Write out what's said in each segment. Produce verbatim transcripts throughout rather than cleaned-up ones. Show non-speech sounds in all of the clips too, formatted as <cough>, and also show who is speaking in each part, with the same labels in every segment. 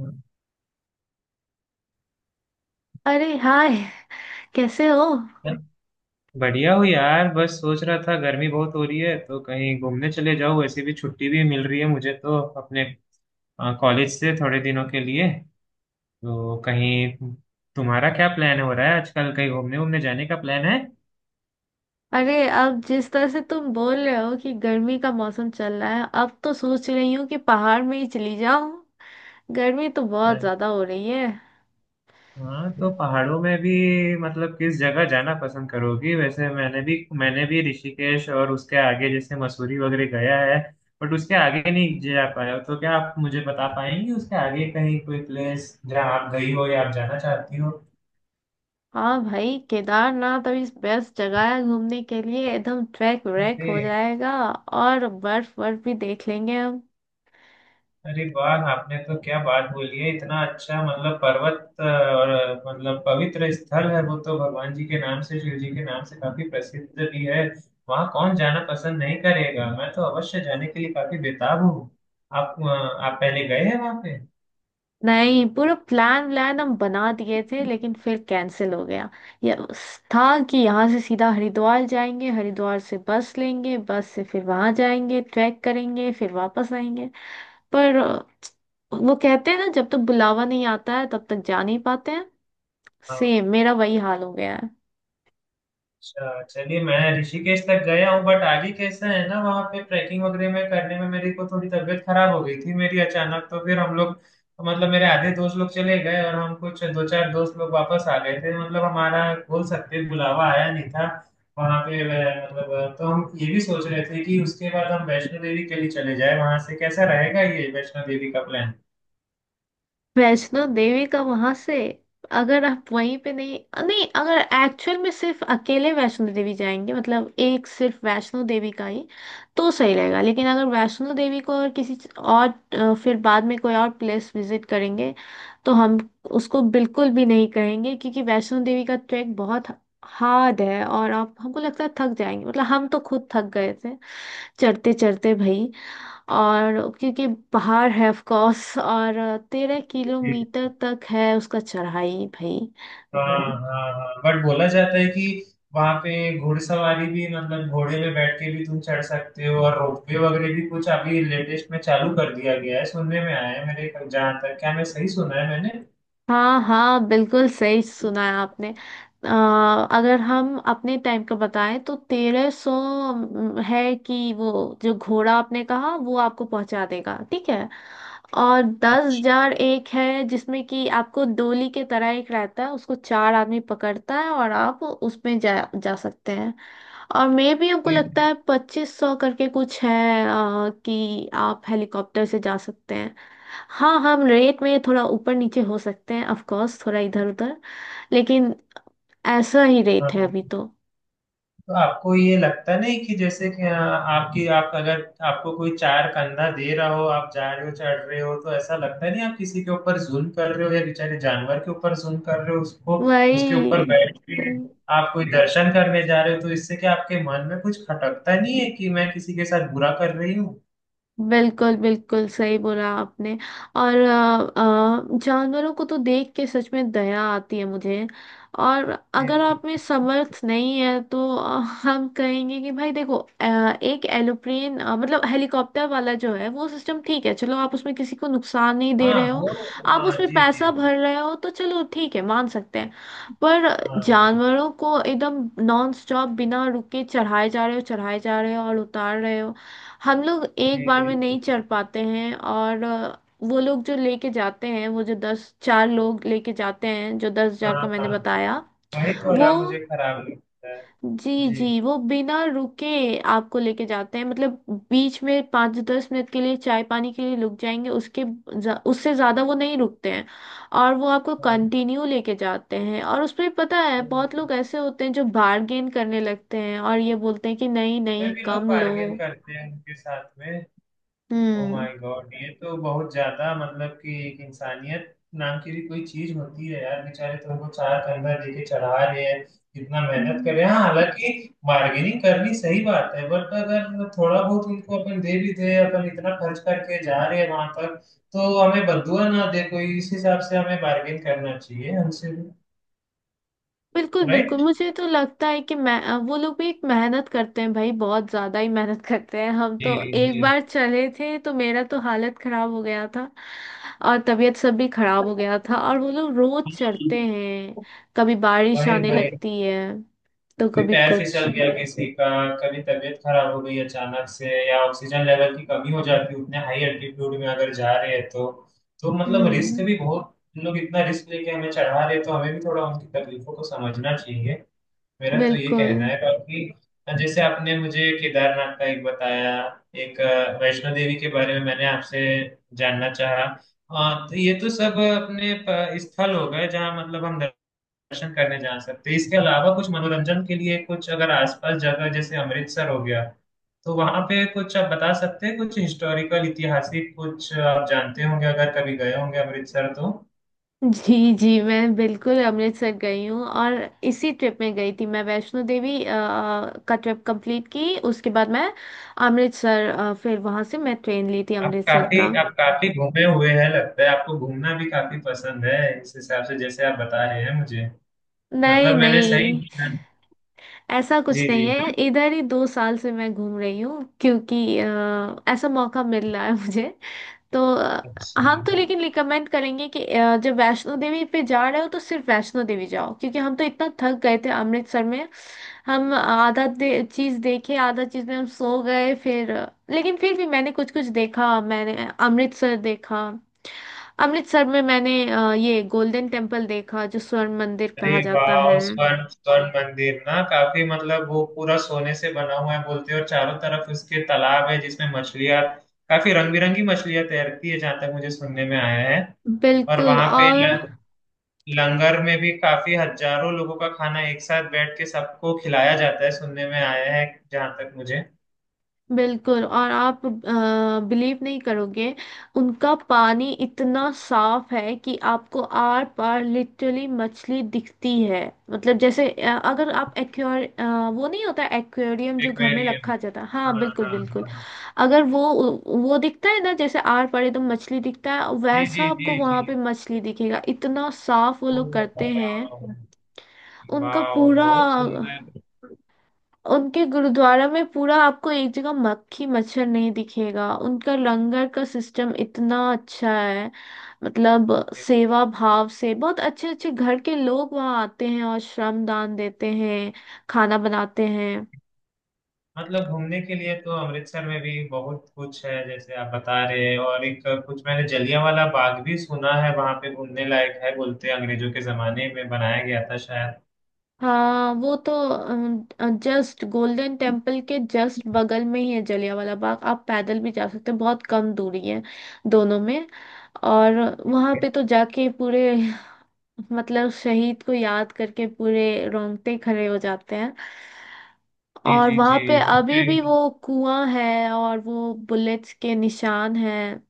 Speaker 1: यार,
Speaker 2: अरे हाय। कैसे हो।
Speaker 1: बढ़िया हो यार। बस सोच रहा था गर्मी बहुत हो रही है तो कहीं घूमने चले जाओ। वैसे भी छुट्टी भी मिल रही है मुझे तो अपने कॉलेज से थोड़े दिनों के लिए। तो कहीं तुम्हारा क्या प्लान हो रहा है आजकल? कहीं घूमने घूमने जाने का प्लान
Speaker 2: अरे, अब जिस तरह से तुम बोल रहे हो कि गर्मी का मौसम चल रहा है, अब तो सोच रही हूँ कि पहाड़ में ही चली जाऊँ। गर्मी तो बहुत
Speaker 1: है?
Speaker 2: ज्यादा हो रही है।
Speaker 1: हाँ, तो पहाड़ों में भी मतलब किस जगह जाना पसंद करोगी? वैसे मैंने भी मैंने भी ऋषिकेश और उसके आगे जैसे मसूरी वगैरह गया है। बट उसके आगे नहीं जा पाया। तो क्या आप मुझे बता पाएंगी उसके आगे कहीं कोई प्लेस जहाँ आप गई हो या आप जाना चाहती
Speaker 2: हाँ भाई, केदारनाथ अभी बेस्ट जगह है घूमने के लिए। एकदम ट्रैक व्रैक हो
Speaker 1: हो?
Speaker 2: जाएगा और बर्फ बर्फ भी देख लेंगे हम।
Speaker 1: अरे वाह, आपने तो क्या बात बोली है! इतना अच्छा मतलब पर्वत अ, और अ, मतलब पवित्र स्थल है। वो तो भगवान जी के नाम से शिव जी के नाम से काफी प्रसिद्ध भी है। वहाँ कौन जाना पसंद नहीं करेगा? मैं तो अवश्य जाने के लिए काफी बेताब हूँ। आप अ, आप पहले गए हैं वहाँ पे?
Speaker 2: नहीं, पूरा प्लान व्लान हम बना दिए थे लेकिन फिर कैंसिल हो गया। ये उस- था कि यहाँ से सीधा हरिद्वार जाएंगे, हरिद्वार से बस लेंगे, बस से फिर वहां जाएंगे, ट्रैक करेंगे, फिर वापस आएंगे। पर अ, वो कहते हैं ना, जब तक बुलावा नहीं आता है तब तक जा नहीं पाते हैं।
Speaker 1: हाँ।
Speaker 2: सेम मेरा वही हाल हो गया है।
Speaker 1: अच्छा, चलिए। मैं ऋषिकेश तक गया हूँ बट आगे कैसा है ना वहाँ पे ट्रैकिंग वगैरह में करने में मेरी को थोड़ी तबीयत खराब हो गई थी मेरी अचानक। तो फिर हम लोग मतलब मेरे आधे दोस्त लोग चले गए और हम कुछ दो चार दोस्त लोग वापस आ गए थे। मतलब हमारा बोल सकते हैं, बुलावा आया नहीं था। वहाँ पे अ, मतलब अ, तो हम ये भी सोच रहे थे कि उसके बाद हम वैष्णो देवी के लिए चले जाए। वहां से कैसा रहेगा ये वैष्णो देवी का प्लान?
Speaker 2: वैष्णो देवी का वहां से, अगर आप वहीं पे नहीं अ, नहीं, अगर एक्चुअल में सिर्फ अकेले वैष्णो देवी जाएंगे, मतलब एक सिर्फ वैष्णो देवी का ही, तो सही रहेगा। लेकिन अगर वैष्णो देवी को और किसी च- और अ, फिर बाद में कोई और प्लेस विजिट करेंगे, तो हम उसको बिल्कुल भी नहीं कहेंगे, क्योंकि वैष्णो देवी का ट्रैक बहुत हार्ड है और आप, हमको लगता है, थक जाएंगे। मतलब हम तो खुद थक गए थे चढ़ते चढ़ते भाई। और क्योंकि पहाड़ है ऑफ कोर्स, और तेरह किलोमीटर तक है उसका चढ़ाई भाई।
Speaker 1: हाँ हाँ हाँ। बट बोला जाता है कि वहां पे घुड़सवारी भी मतलब घोड़े पे बैठ के भी तुम चढ़ सकते हो और रोपवे वगैरह भी कुछ अभी लेटेस्ट में चालू कर दिया गया है सुनने में आया है मेरे जहाँ तक। क्या मैं सही सुना है मैंने?
Speaker 2: हाँ हाँ, बिल्कुल सही सुना है आपने। अ, अगर हम अपने टाइम का बताएं तो तेरह सौ है कि वो, जो घोड़ा आपने कहा, वो आपको पहुंचा देगा, ठीक है। और दस
Speaker 1: अच्छा।
Speaker 2: हजार एक है जिसमें कि आपको डोली के तरह एक रहता है, उसको चार आदमी पकड़ता है और आप उसमें जा जा सकते हैं। और मे भी हमको लगता है पच्चीस सौ करके कुछ है, अ, कि आप हेलीकॉप्टर से जा सकते हैं। हाँ, हम रेट में थोड़ा ऊपर नीचे हो सकते हैं ऑफ कोर्स, थोड़ा इधर उधर, लेकिन ऐसा ही रेट है
Speaker 1: हाँ,
Speaker 2: अभी तो।
Speaker 1: तो आपको ये लगता नहीं कि जैसे कि आ, आपकी आप अगर आपको कोई चार कंधा दे रहा हो, आप जा रहे हो, चढ़ रहे हो, तो ऐसा लगता नहीं आप किसी के ऊपर जुल्म कर रहे हो या बेचारे जानवर के ऊपर जुल्म कर रहे हो उसको? उसके ऊपर
Speaker 2: वही।
Speaker 1: बैठ
Speaker 2: वही।
Speaker 1: के आप कोई दर्शन करने जा रहे हो तो इससे क्या आपके मन में कुछ खटकता नहीं है कि मैं किसी के साथ बुरा कर रही हूँ?
Speaker 2: बिल्कुल बिल्कुल सही बोला आपने। और अ, अ, जानवरों को तो देख के सच में दया आती है मुझे। और
Speaker 1: जी
Speaker 2: अगर
Speaker 1: जी।
Speaker 2: आप में समर्थ नहीं है तो <laughs> अ, हम कहेंगे कि भाई देखो, अ, एक एरोप्लेन, अ, मतलब हेलीकॉप्टर वाला जो है, वो सिस्टम ठीक है, चलो, आप उसमें किसी को नुकसान नहीं दे
Speaker 1: हाँ,
Speaker 2: रहे हो।
Speaker 1: वो।
Speaker 2: आप
Speaker 1: हाँ
Speaker 2: उसमें
Speaker 1: जी
Speaker 2: पैसा
Speaker 1: जी।
Speaker 2: भर रहे हो तो चलो ठीक है, मान सकते हैं। पर
Speaker 1: हाँ
Speaker 2: जानवरों को एकदम नॉन स्टॉप, बिना रुके, चढ़ाए जा रहे हो, चढ़ाए जा रहे हो और उतार रहे हो। हम लोग एक
Speaker 1: जी
Speaker 2: बार में नहीं
Speaker 1: जी।
Speaker 2: चढ़ पाते हैं। और अ, वो लोग जो लेके जाते हैं, वो जो दस चार लोग लेके जाते हैं, जो दस हजार
Speaker 1: हाँ
Speaker 2: का मैंने
Speaker 1: हाँ,
Speaker 2: बताया
Speaker 1: वही
Speaker 2: वो।
Speaker 1: थोड़ा मुझे खराब लगता है।
Speaker 2: जी
Speaker 1: जी।
Speaker 2: जी, वो बिना रुके आपको लेके जाते हैं, मतलब बीच में पाँच दस मिनट के लिए चाय पानी के लिए रुक जाएंगे, उसके ज- उससे ज़्यादा वो नहीं रुकते हैं। और वो आपको
Speaker 1: हाँ,
Speaker 2: कंटिन्यू लेके जाते हैं। और उसमें पता है बहुत लोग ऐसे होते हैं जो बार्गेन करने लगते हैं और ये बोलते हैं कि नहीं
Speaker 1: फिर
Speaker 2: नहीं,
Speaker 1: भी लोग
Speaker 2: कम लो।
Speaker 1: बार्गेन करते हैं उनके साथ में? Oh
Speaker 2: hmm.
Speaker 1: माय गॉड, ये तो बहुत ज्यादा। मतलब कि एक इंसानियत नाम की भी कोई चीज होती है यार। बेचारे तुमको चार कंधा देके चढ़ा रहे हैं, इतना मेहनत कर रहे हैं। हाँ, हालांकि बार्गेनिंग करनी सही बात है बट अगर थोड़ा बहुत उनको अपन दे भी दे, अपन इतना खर्च करके जा रहे हैं वहां तक तो हमें बदुआ ना दे कोई। इस हिसाब से हमें बार्गेन करना चाहिए हमसे भी।
Speaker 2: बिल्कुल बिल्कुल।
Speaker 1: राइट।
Speaker 2: मुझे तो लगता है कि मैं, अ, वो लोग भी एक मेहनत करते हैं भाई, बहुत ज्यादा ही मेहनत करते हैं। हम तो
Speaker 1: जी
Speaker 2: एक
Speaker 1: जी।
Speaker 2: बार चले थे तो मेरा तो हालत खराब हो गया था। और तबीयत सब भी खराब हो गया था, और वो लोग रोज चढ़ते हैं। कभी बारिश
Speaker 1: भाई
Speaker 2: आने
Speaker 1: भाई,
Speaker 2: लगती है तो
Speaker 1: भी
Speaker 2: कभी
Speaker 1: पैर फिसल
Speaker 2: कुछ।
Speaker 1: गया किसी का, कभी तबीयत खराब हो गई अचानक से या ऑक्सीजन लेवल की कमी हो जाती है उतने हाई एल्टीट्यूड में अगर जा रहे हैं तो तो मतलब रिस्क
Speaker 2: हम्म।
Speaker 1: भी बहुत। लोग इतना रिस्क लेके हमें चढ़ा रहे हैं तो हमें भी थोड़ा उनकी तकलीफों को समझना चाहिए। मेरा तो ये
Speaker 2: बिल्कुल।
Speaker 1: कहना है बाकी। जैसे आपने मुझे केदारनाथ का एक बताया, एक अ, वैष्णो देवी के बारे में मैंने आपसे जानना चाहा। अ, तो ये तो सब अपने प- स्थल हो गए जहाँ मतलब हम दर्शन करने जा सकते हैं। इसके अलावा कुछ मनोरंजन के लिए कुछ अगर आसपास जगह जैसे अमृतसर हो गया तो वहां पे कुछ आप बता सकते हैं कुछ हिस्टोरिकल, ऐतिहासिक कुछ आप जानते होंगे अगर कभी गए होंगे अमृतसर तो।
Speaker 2: जी जी, मैं बिल्कुल अमृतसर गई हूँ। और इसी ट्रिप में गई थी मैं, वैष्णो देवी अ, का ट्रिप कंप्लीट की, उसके बाद मैं अमृतसर, अ, फिर वहां से मैं ट्रेन ली थी
Speaker 1: आप
Speaker 2: अमृतसर
Speaker 1: काफी
Speaker 2: का।
Speaker 1: आप काफी घूमे हुए हैं लगता है। आपको घूमना भी काफी पसंद है इस हिसाब से जैसे आप बता रहे हैं मुझे।
Speaker 2: नहीं
Speaker 1: मतलब मैंने सही।
Speaker 2: नहीं, ऐसा कुछ
Speaker 1: जी जी।
Speaker 2: नहीं है, इधर ही दो साल से मैं घूम रही हूँ, क्योंकि अ, ऐसा मौका मिल रहा है मुझे तो अ, हम तो
Speaker 1: अच्छा।
Speaker 2: लेकिन रिकमेंड करेंगे कि अ, जब वैष्णो देवी पे जा रहे हो तो सिर्फ वैष्णो देवी जाओ, क्योंकि हम तो इतना थक गए थे अमृतसर में। हम आधा दे, चीज देखे, आधा चीज में हम सो गए फिर। लेकिन फिर भी मैंने कुछ कुछ देखा। मैंने अमृतसर देखा। अमृतसर में मैंने, अ, ये गोल्डन टेम्पल देखा जो स्वर्ण मंदिर
Speaker 1: अरे
Speaker 2: कहा जाता है।
Speaker 1: वाह! स्वर्ण स्वर्ण मंदिर ना, काफी मतलब वो पूरा सोने से बना हुआ है बोलते हैं। और चारों तरफ उसके तालाब है जिसमें मछलियां, काफी रंग बिरंगी मछलियां तैरती है जहां तक मुझे सुनने में आया है। और
Speaker 2: बिल्कुल।
Speaker 1: वहां पे ल,
Speaker 2: और
Speaker 1: लंगर में भी काफी हजारों लोगों का खाना एक साथ बैठ के सबको खिलाया जाता है सुनने में आया है जहां तक मुझे।
Speaker 2: बिल्कुल और आप बिलीव नहीं करोगे। उनका पानी इतना साफ है कि आपको आर पार लिटरली मछली दिखती है। मतलब जैसे, अ, अगर आप एक्वेर वो नहीं होता एक्वेरियम जो घर में
Speaker 1: एक्वेरियम।
Speaker 2: रखा जाता है।
Speaker 1: हाँ
Speaker 2: हाँ बिल्कुल
Speaker 1: हाँ
Speaker 2: बिल्कुल।
Speaker 1: हाँ हाँ।
Speaker 2: अगर वो वो दिखता है ना जैसे आर पार एकदम मछली दिखता है,
Speaker 1: जी
Speaker 2: वैसा
Speaker 1: जी जी
Speaker 2: आपको वहां
Speaker 1: जी।
Speaker 2: पे मछली दिखेगा, इतना साफ वो
Speaker 1: ओ,
Speaker 2: लोग करते हैं
Speaker 1: वाह
Speaker 2: उनका
Speaker 1: वाह,
Speaker 2: पूरा।
Speaker 1: बहुत सुंदर।
Speaker 2: उनके गुरुद्वारा में पूरा आपको एक जगह मक्खी मच्छर नहीं दिखेगा, उनका लंगर का सिस्टम इतना अच्छा है, मतलब सेवा भाव से बहुत अच्छे अच्छे घर के लोग वहाँ आते हैं और श्रम दान देते हैं, खाना बनाते हैं।
Speaker 1: मतलब घूमने के लिए तो अमृतसर में भी बहुत कुछ है जैसे आप बता रहे हैं। और एक कुछ मैंने जलियांवाला बाग भी सुना है वहां पे घूमने लायक है बोलते हैं, अंग्रेजों के जमाने में बनाया गया था शायद।
Speaker 2: हाँ वो तो जस्ट गोल्डन टेम्पल के जस्ट बगल में ही है जलियांवाला बाग, आप पैदल भी जा सकते हैं, बहुत कम दूरी है दोनों में। और वहाँ पे तो जाके पूरे <laughs> मतलब शहीद को याद करके पूरे रोंगटे खड़े हो जाते हैं।
Speaker 1: जी
Speaker 2: और
Speaker 1: जी
Speaker 2: वहां
Speaker 1: जी।
Speaker 2: पे अभी भी वो कुआं है और वो बुलेट्स के निशान हैं।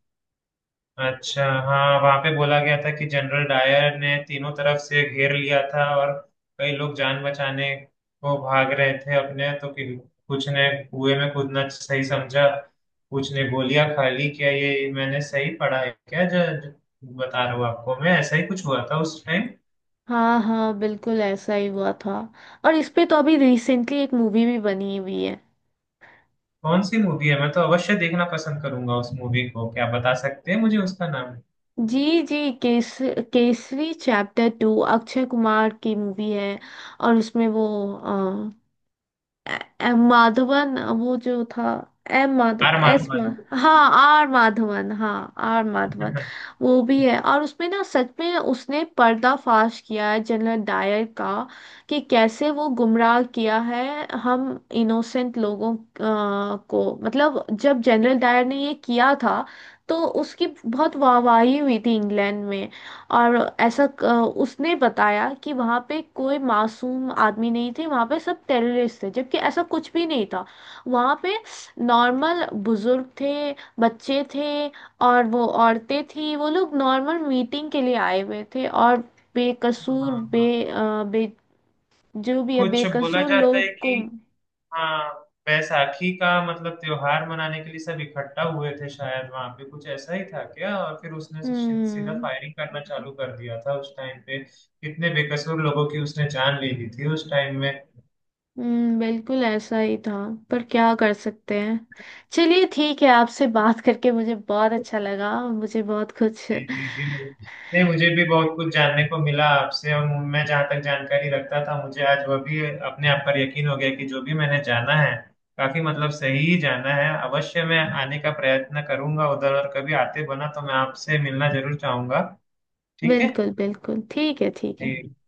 Speaker 1: अच्छा, हाँ, वहां पे बोला गया था कि जनरल डायर ने तीनों तरफ से घेर लिया था और कई लोग जान बचाने को भाग रहे थे अपने। तो कि कुछ ने कुएं में कूदना सही समझा, कुछ ने गोलियां खा ली। क्या ये मैंने सही पढ़ा है क्या, जो जो बता रहा हूँ आपको मैं? ऐसा ही कुछ हुआ था उस टाइम?
Speaker 2: हाँ हाँ, बिल्कुल ऐसा ही हुआ था। और इस पे तो अभी रिसेंटली एक मूवी भी बनी हुई है।
Speaker 1: कौन सी मूवी है? मैं तो अवश्य देखना पसंद करूंगा उस मूवी को। क्या आप बता सकते हैं मुझे उसका नाम?
Speaker 2: जी जी, केस केसरी चैप्टर टू अक्षय कुमार की मूवी है। और उसमें वो ए- एम माधवन वो जो था, एम माधव
Speaker 1: आर
Speaker 2: एस मा,
Speaker 1: माधवन।
Speaker 2: हाँ आर माधवन, हाँ आर माधवन
Speaker 1: <laughs>
Speaker 2: वो भी है। और उसमें ना सच में उसने पर्दाफाश किया है जनरल डायर का, कि कैसे वो गुमराह किया है हम इनोसेंट लोगों अ, को। मतलब जब जनरल डायर ने ये किया था तो उसकी बहुत वाहवाही हुई थी इंग्लैंड में। और ऐसा क- उसने बताया कि वहां पे कोई मासूम आदमी नहीं थे, वहां पे सब टेररिस्ट थे, जबकि ऐसा कुछ भी नहीं था। वहां पे नॉर्मल बुजुर्ग थे, बच्चे थे और वो औरतें थी, वो लोग नॉर्मल मीटिंग के लिए आए हुए थे और
Speaker 1: हाँ
Speaker 2: बेकसूर
Speaker 1: हाँ।
Speaker 2: बे, अ, बे जो भी है
Speaker 1: कुछ बोला
Speaker 2: बेकसूर
Speaker 1: जाता
Speaker 2: लोग
Speaker 1: है कि,
Speaker 2: को।
Speaker 1: हाँ, वैसाखी का मतलब त्योहार मनाने के लिए सब इकट्ठा हुए थे शायद वहां पे, कुछ ऐसा ही था क्या? और फिर उसने सी- सीधा
Speaker 2: हम्म
Speaker 1: फायरिंग करना चालू कर दिया था उस टाइम पे। कितने बेकसूर लोगों की उसने जान ले ली थी उस टाइम में।
Speaker 2: हम्म, बिल्कुल ऐसा ही था। पर क्या कर सकते हैं। चलिए, ठीक है, आपसे बात करके मुझे बहुत अच्छा लगा, मुझे बहुत कुछ।
Speaker 1: जी जी जी। नहीं, मुझे भी बहुत कुछ जानने को मिला आपसे। और मैं जहाँ तक जानकारी रखता था, मुझे आज वह भी अपने आप पर यकीन हो गया कि जो भी मैंने जाना है काफी मतलब सही ही जाना है। अवश्य मैं आने का प्रयत्न करूंगा उधर और कभी आते बना तो मैं आपसे मिलना जरूर चाहूंगा। ठीक है।
Speaker 2: बिल्कुल बिल्कुल ठीक है, ठीक है।
Speaker 1: जी।